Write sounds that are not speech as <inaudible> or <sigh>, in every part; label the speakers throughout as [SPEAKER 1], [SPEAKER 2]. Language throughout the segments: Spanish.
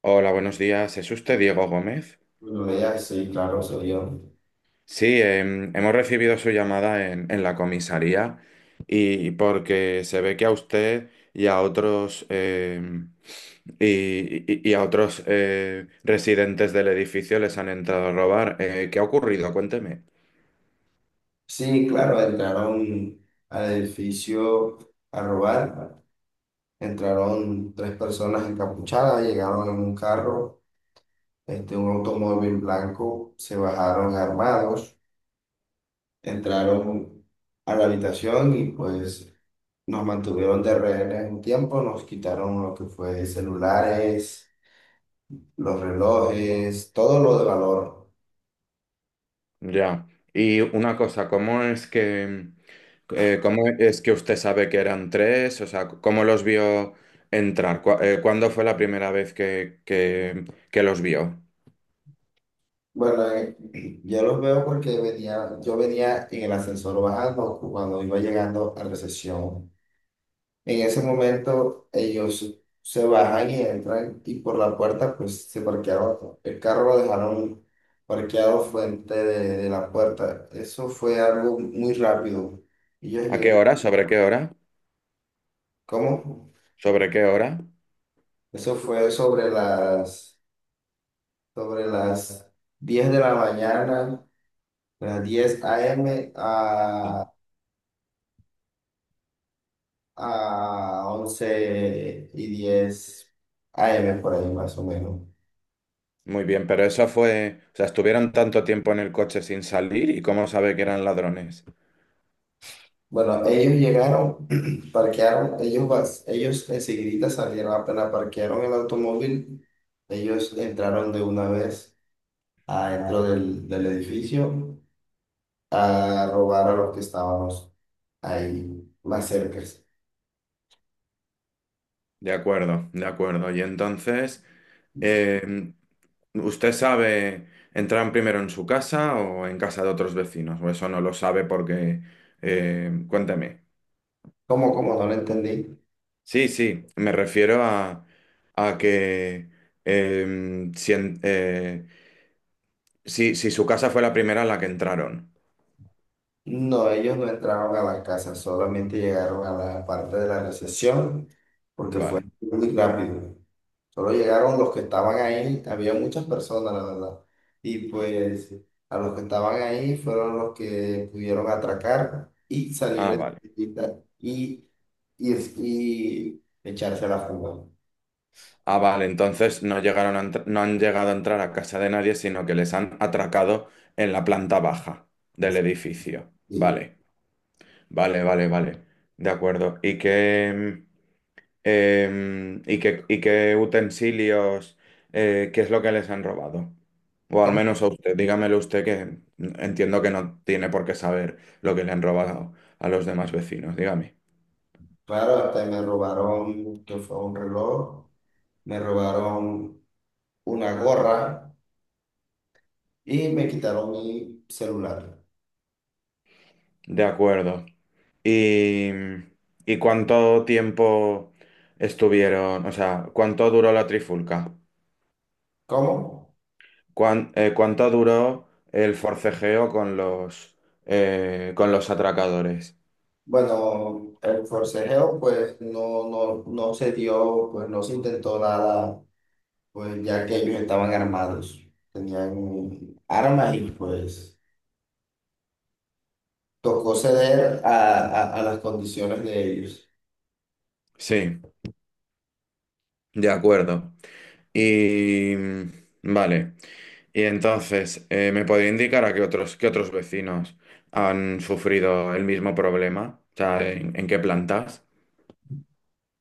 [SPEAKER 1] Hola, buenos días. ¿Es usted Diego Gómez?
[SPEAKER 2] Lo veía, sí, claro, soy yo.
[SPEAKER 1] Sí, hemos recibido su llamada en la comisaría y porque se ve que a usted y a otros y, y a otros residentes del edificio les han entrado a robar. ¿Qué ha ocurrido? Cuénteme.
[SPEAKER 2] Sí, claro, entraron al edificio a robar. Entraron tres personas encapuchadas, llegaron en un carro, un automóvil blanco, se bajaron armados, entraron a la habitación y pues nos mantuvieron de rehenes un tiempo, nos quitaron lo que fue celulares, los relojes, todo lo de valor.
[SPEAKER 1] Ya. Y una cosa, cómo es que usted sabe que eran tres? O sea, ¿cómo los vio entrar? ¿Cuándo fue la primera vez que los vio?
[SPEAKER 2] Bueno, yo los veo porque yo venía en el ascensor bajando cuando iba llegando a recepción. En ese momento ellos se bajan y entran y por la puerta pues se parquearon. El carro lo dejaron parqueado frente de la puerta. Eso fue algo muy rápido. Ellos
[SPEAKER 1] ¿A qué hora?
[SPEAKER 2] llegaron.
[SPEAKER 1] ¿Sobre qué hora?
[SPEAKER 2] ¿Cómo?
[SPEAKER 1] ¿Sobre qué hora?
[SPEAKER 2] Eso fue sobre las 10 de la mañana, las 10 a.m. a once y 10 AM por ahí más o menos.
[SPEAKER 1] Muy bien, pero eso fue, o sea, estuvieron tanto tiempo en el coche sin salir y cómo sabe que eran ladrones.
[SPEAKER 2] Bueno, ellos llegaron, <clears throat> parquearon, ellos enseguida salieron, apenas parquearon el automóvil, ellos entraron de una vez adentro del edificio a robar a los que estábamos ahí más cerca.
[SPEAKER 1] De acuerdo, de acuerdo. Y entonces, eh, ¿usted sabe, entraron primero en su casa o en casa de otros vecinos? O eso no lo sabe porque, cuénteme.
[SPEAKER 2] Como no lo entendí.
[SPEAKER 1] Sí, sí, me refiero a que si, si su casa fue la primera a la que entraron.
[SPEAKER 2] No, ellos no entraron a la casa, solamente llegaron a la parte de la recepción porque fue
[SPEAKER 1] Vale.
[SPEAKER 2] muy rápido. Solo llegaron los que estaban ahí, había muchas personas, la verdad. Y pues a los que estaban ahí fueron los que pudieron atracar y salir
[SPEAKER 1] Ah,
[SPEAKER 2] de
[SPEAKER 1] vale.
[SPEAKER 2] la tienda y echarse a la fuga.
[SPEAKER 1] Ah, vale, entonces no llegaron a no han llegado a entrar a casa de nadie, sino que les han atracado en la planta baja del edificio.
[SPEAKER 2] Sí.
[SPEAKER 1] Vale, vale, vale, vale. De acuerdo. ¿Y qué, y qué, y qué utensilios, qué es lo que les han robado? O al
[SPEAKER 2] ¿Cómo?
[SPEAKER 1] menos a usted, dígamelo usted que entiendo que no tiene por qué saber lo que le han robado a los demás vecinos. Dígame.
[SPEAKER 2] Claro, hasta me robaron, que fue un reloj, me robaron una gorra y me quitaron mi celular.
[SPEAKER 1] De acuerdo. ¿Y, y cuánto tiempo estuvieron? O sea, ¿cuánto duró la trifulca?
[SPEAKER 2] ¿Cómo?
[SPEAKER 1] ¿Cuánto duró el forcejeo con los atracadores?
[SPEAKER 2] Bueno, el forcejeo pues no se dio, pues no se intentó nada, pues ya que ellos estaban armados, tenían armas y pues tocó ceder a las condiciones de ellos.
[SPEAKER 1] Sí, de acuerdo. Y vale. Y entonces, ¿me podría indicar a qué otros vecinos han sufrido el mismo problema? O sea, ¿en qué plantas?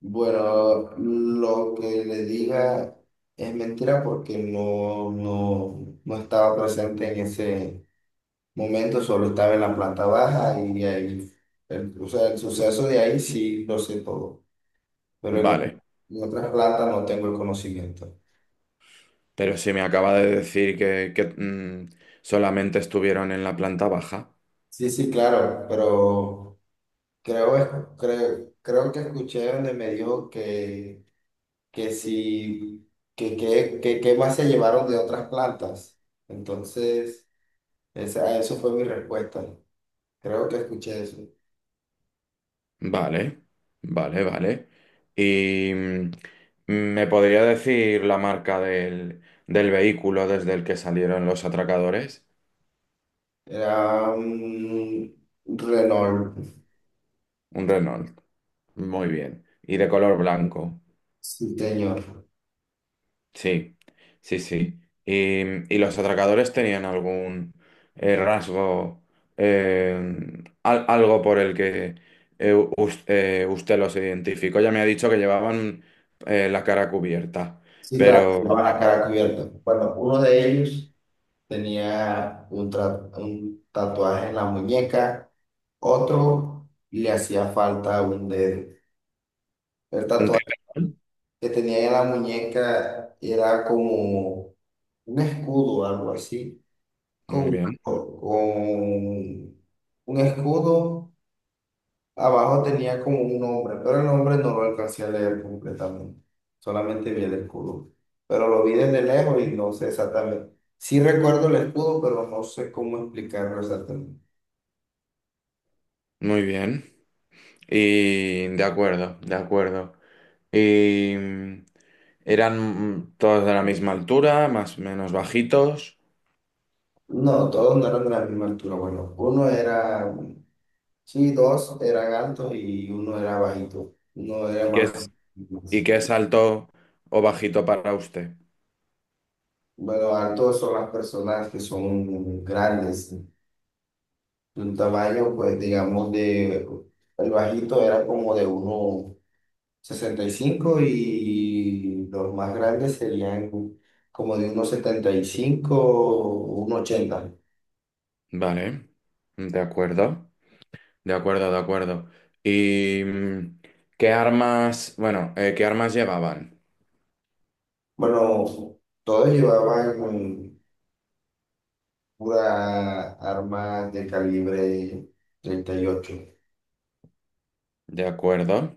[SPEAKER 2] Bueno, lo que le diga es mentira porque no estaba presente en ese momento, solo estaba en la planta baja y ahí, o sea, el suceso de ahí sí lo sé todo, pero
[SPEAKER 1] Vale.
[SPEAKER 2] en otras plantas no tengo el conocimiento.
[SPEAKER 1] Pero si me acaba de decir que, solamente estuvieron en la planta baja.
[SPEAKER 2] Sí, sí, claro, pero creo, es- creo que escuché donde me dijo que si, que más se llevaron de otras plantas. Entonces, eso fue mi respuesta. Creo que escuché eso.
[SPEAKER 1] Vale, vale, vale. ¿Y mm, me podría decir la marca del, del vehículo desde el que salieron los atracadores?
[SPEAKER 2] Era un Renault,
[SPEAKER 1] Un Renault. Muy bien. Y de color blanco.
[SPEAKER 2] sí, señor.
[SPEAKER 1] Sí, sí, sí. Y, ¿y los atracadores tenían algún rasgo, algo por el que usted los identificó? Ya me ha dicho que llevaban la cara cubierta,
[SPEAKER 2] Sí, claro,
[SPEAKER 1] pero
[SPEAKER 2] llevaban la cara cubierta. Bueno, uno de ellos tenía un tatuaje en la muñeca, otro le hacía falta un dedo. El
[SPEAKER 1] un
[SPEAKER 2] tatuaje
[SPEAKER 1] kepecón.
[SPEAKER 2] que tenía en la muñeca era como un escudo, algo así,
[SPEAKER 1] Muy
[SPEAKER 2] con,
[SPEAKER 1] bien,
[SPEAKER 2] con un escudo. Abajo tenía como un nombre, pero el nombre no lo alcancé a leer completamente. Solamente vi el escudo. Pero lo vi desde lejos y no sé exactamente. Sí recuerdo el escudo, pero no sé cómo explicarlo exactamente.
[SPEAKER 1] muy bien. Y de acuerdo, de acuerdo. Y mm, eran mm, todos de la misma altura, más o menos bajitos.
[SPEAKER 2] No, todos no eran de la misma altura. Bueno, uno era, sí, dos eran altos y uno era bajito. Uno
[SPEAKER 1] ¿Y
[SPEAKER 2] era
[SPEAKER 1] qué
[SPEAKER 2] más
[SPEAKER 1] es, y
[SPEAKER 2] más-
[SPEAKER 1] qué es alto o bajito para usted?
[SPEAKER 2] Bueno, altos son las personas que son grandes, de un tamaño, pues digamos, el bajito era como de 1,65 y los más grandes serían como de unos 75 o un 80.
[SPEAKER 1] Vale, de acuerdo, de acuerdo, de acuerdo. ¿Y mm, qué armas, bueno, qué armas llevaban?
[SPEAKER 2] Bueno, todos llevaban pura arma de calibre 38.
[SPEAKER 1] De acuerdo.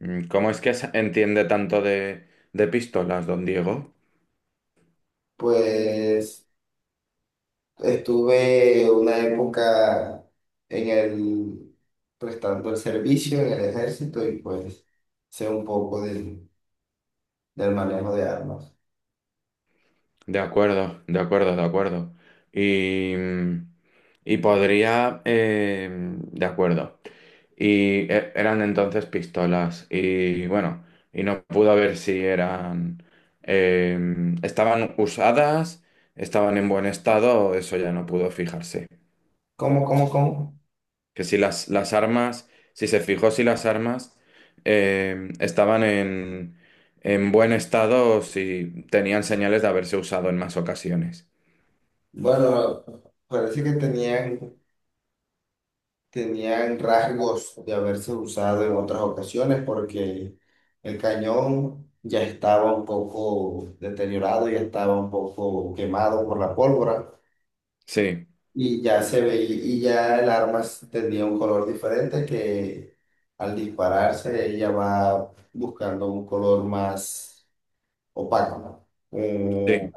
[SPEAKER 1] Mm, ¿cómo es que entiende tanto de pistolas, don Diego?
[SPEAKER 2] Pues estuve una época en el prestando el servicio en el ejército, y pues sé un poco del manejo de armas.
[SPEAKER 1] De acuerdo, de acuerdo, de acuerdo. Y, mm, y podría, de acuerdo. Y eran entonces pistolas. Y bueno, y no pudo ver si eran... em, estaban usadas, estaban en buen estado, eso ya no pudo fijarse.
[SPEAKER 2] ¿Cómo, cómo, cómo?
[SPEAKER 1] Que si las, las armas, si se fijó si las armas em, estaban en buen estado, si tenían señales de haberse usado en más ocasiones.
[SPEAKER 2] Bueno, parece que tenían rasgos de haberse usado en otras ocasiones porque el cañón ya estaba un poco deteriorado, ya estaba un poco quemado por la pólvora,
[SPEAKER 1] Sí,
[SPEAKER 2] y ya se veía, y ya el arma tenía un color diferente, que al dispararse ella va buscando un color más opaco, ¿no?
[SPEAKER 1] sí,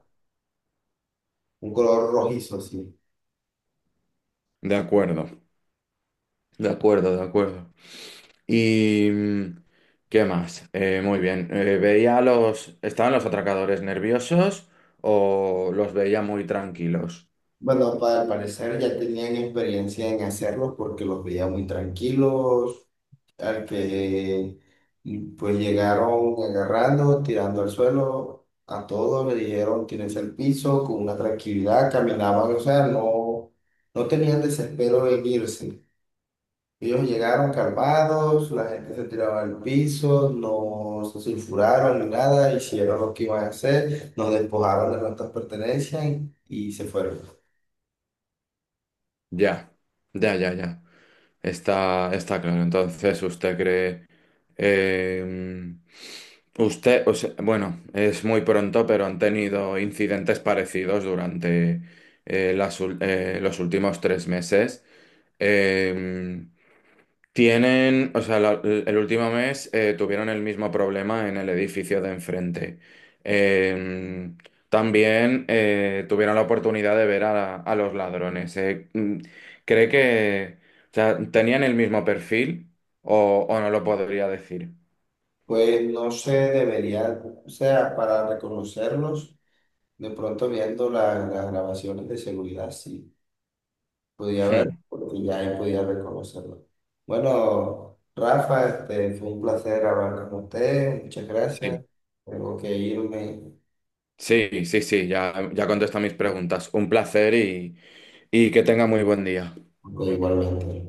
[SPEAKER 2] Un color rojizo, sí.
[SPEAKER 1] de acuerdo, de acuerdo, de acuerdo. ¿Y mm, qué más? Muy bien. Veía a los... ¿Estaban los atracadores nerviosos o los veía muy tranquilos?
[SPEAKER 2] Bueno, al parecer ya tenían experiencia en hacerlos porque los veía muy tranquilos, al que pues llegaron agarrando, tirando al suelo, a todos le dijeron tienes el piso, con una tranquilidad caminaban, o sea, no, no tenían desespero en irse. Ellos llegaron calmados, la gente se tiraba al piso, no se sulfuraron ni nada, hicieron lo que iban a hacer, nos despojaron de nuestras pertenencias y se fueron.
[SPEAKER 1] Ya, ya, ya, ya. Está, está claro. Entonces, ¿usted cree... eh, usted, o sea, bueno, es muy pronto, pero han tenido incidentes parecidos durante los últimos 3 meses. Eh, Tienen, o sea, el último mes tuvieron el mismo problema en el edificio de enfrente. Eh, también tuvieron la oportunidad de ver a los ladrones. Mm, cree que, o sea, tenían el mismo perfil o no lo podría decir.
[SPEAKER 2] Pues no se debería, o sea, para reconocerlos, de pronto viendo las grabaciones de seguridad, sí, podía ver,
[SPEAKER 1] Hmm,
[SPEAKER 2] porque ya ahí podía reconocerlos. Bueno, Rafa, fue un placer hablar con usted, muchas
[SPEAKER 1] sí,
[SPEAKER 2] gracias. Tengo que irme,
[SPEAKER 1] sí, sí, sí, ya, ya contesta mis preguntas. Un placer y que tenga muy buen día.
[SPEAKER 2] pero igualmente.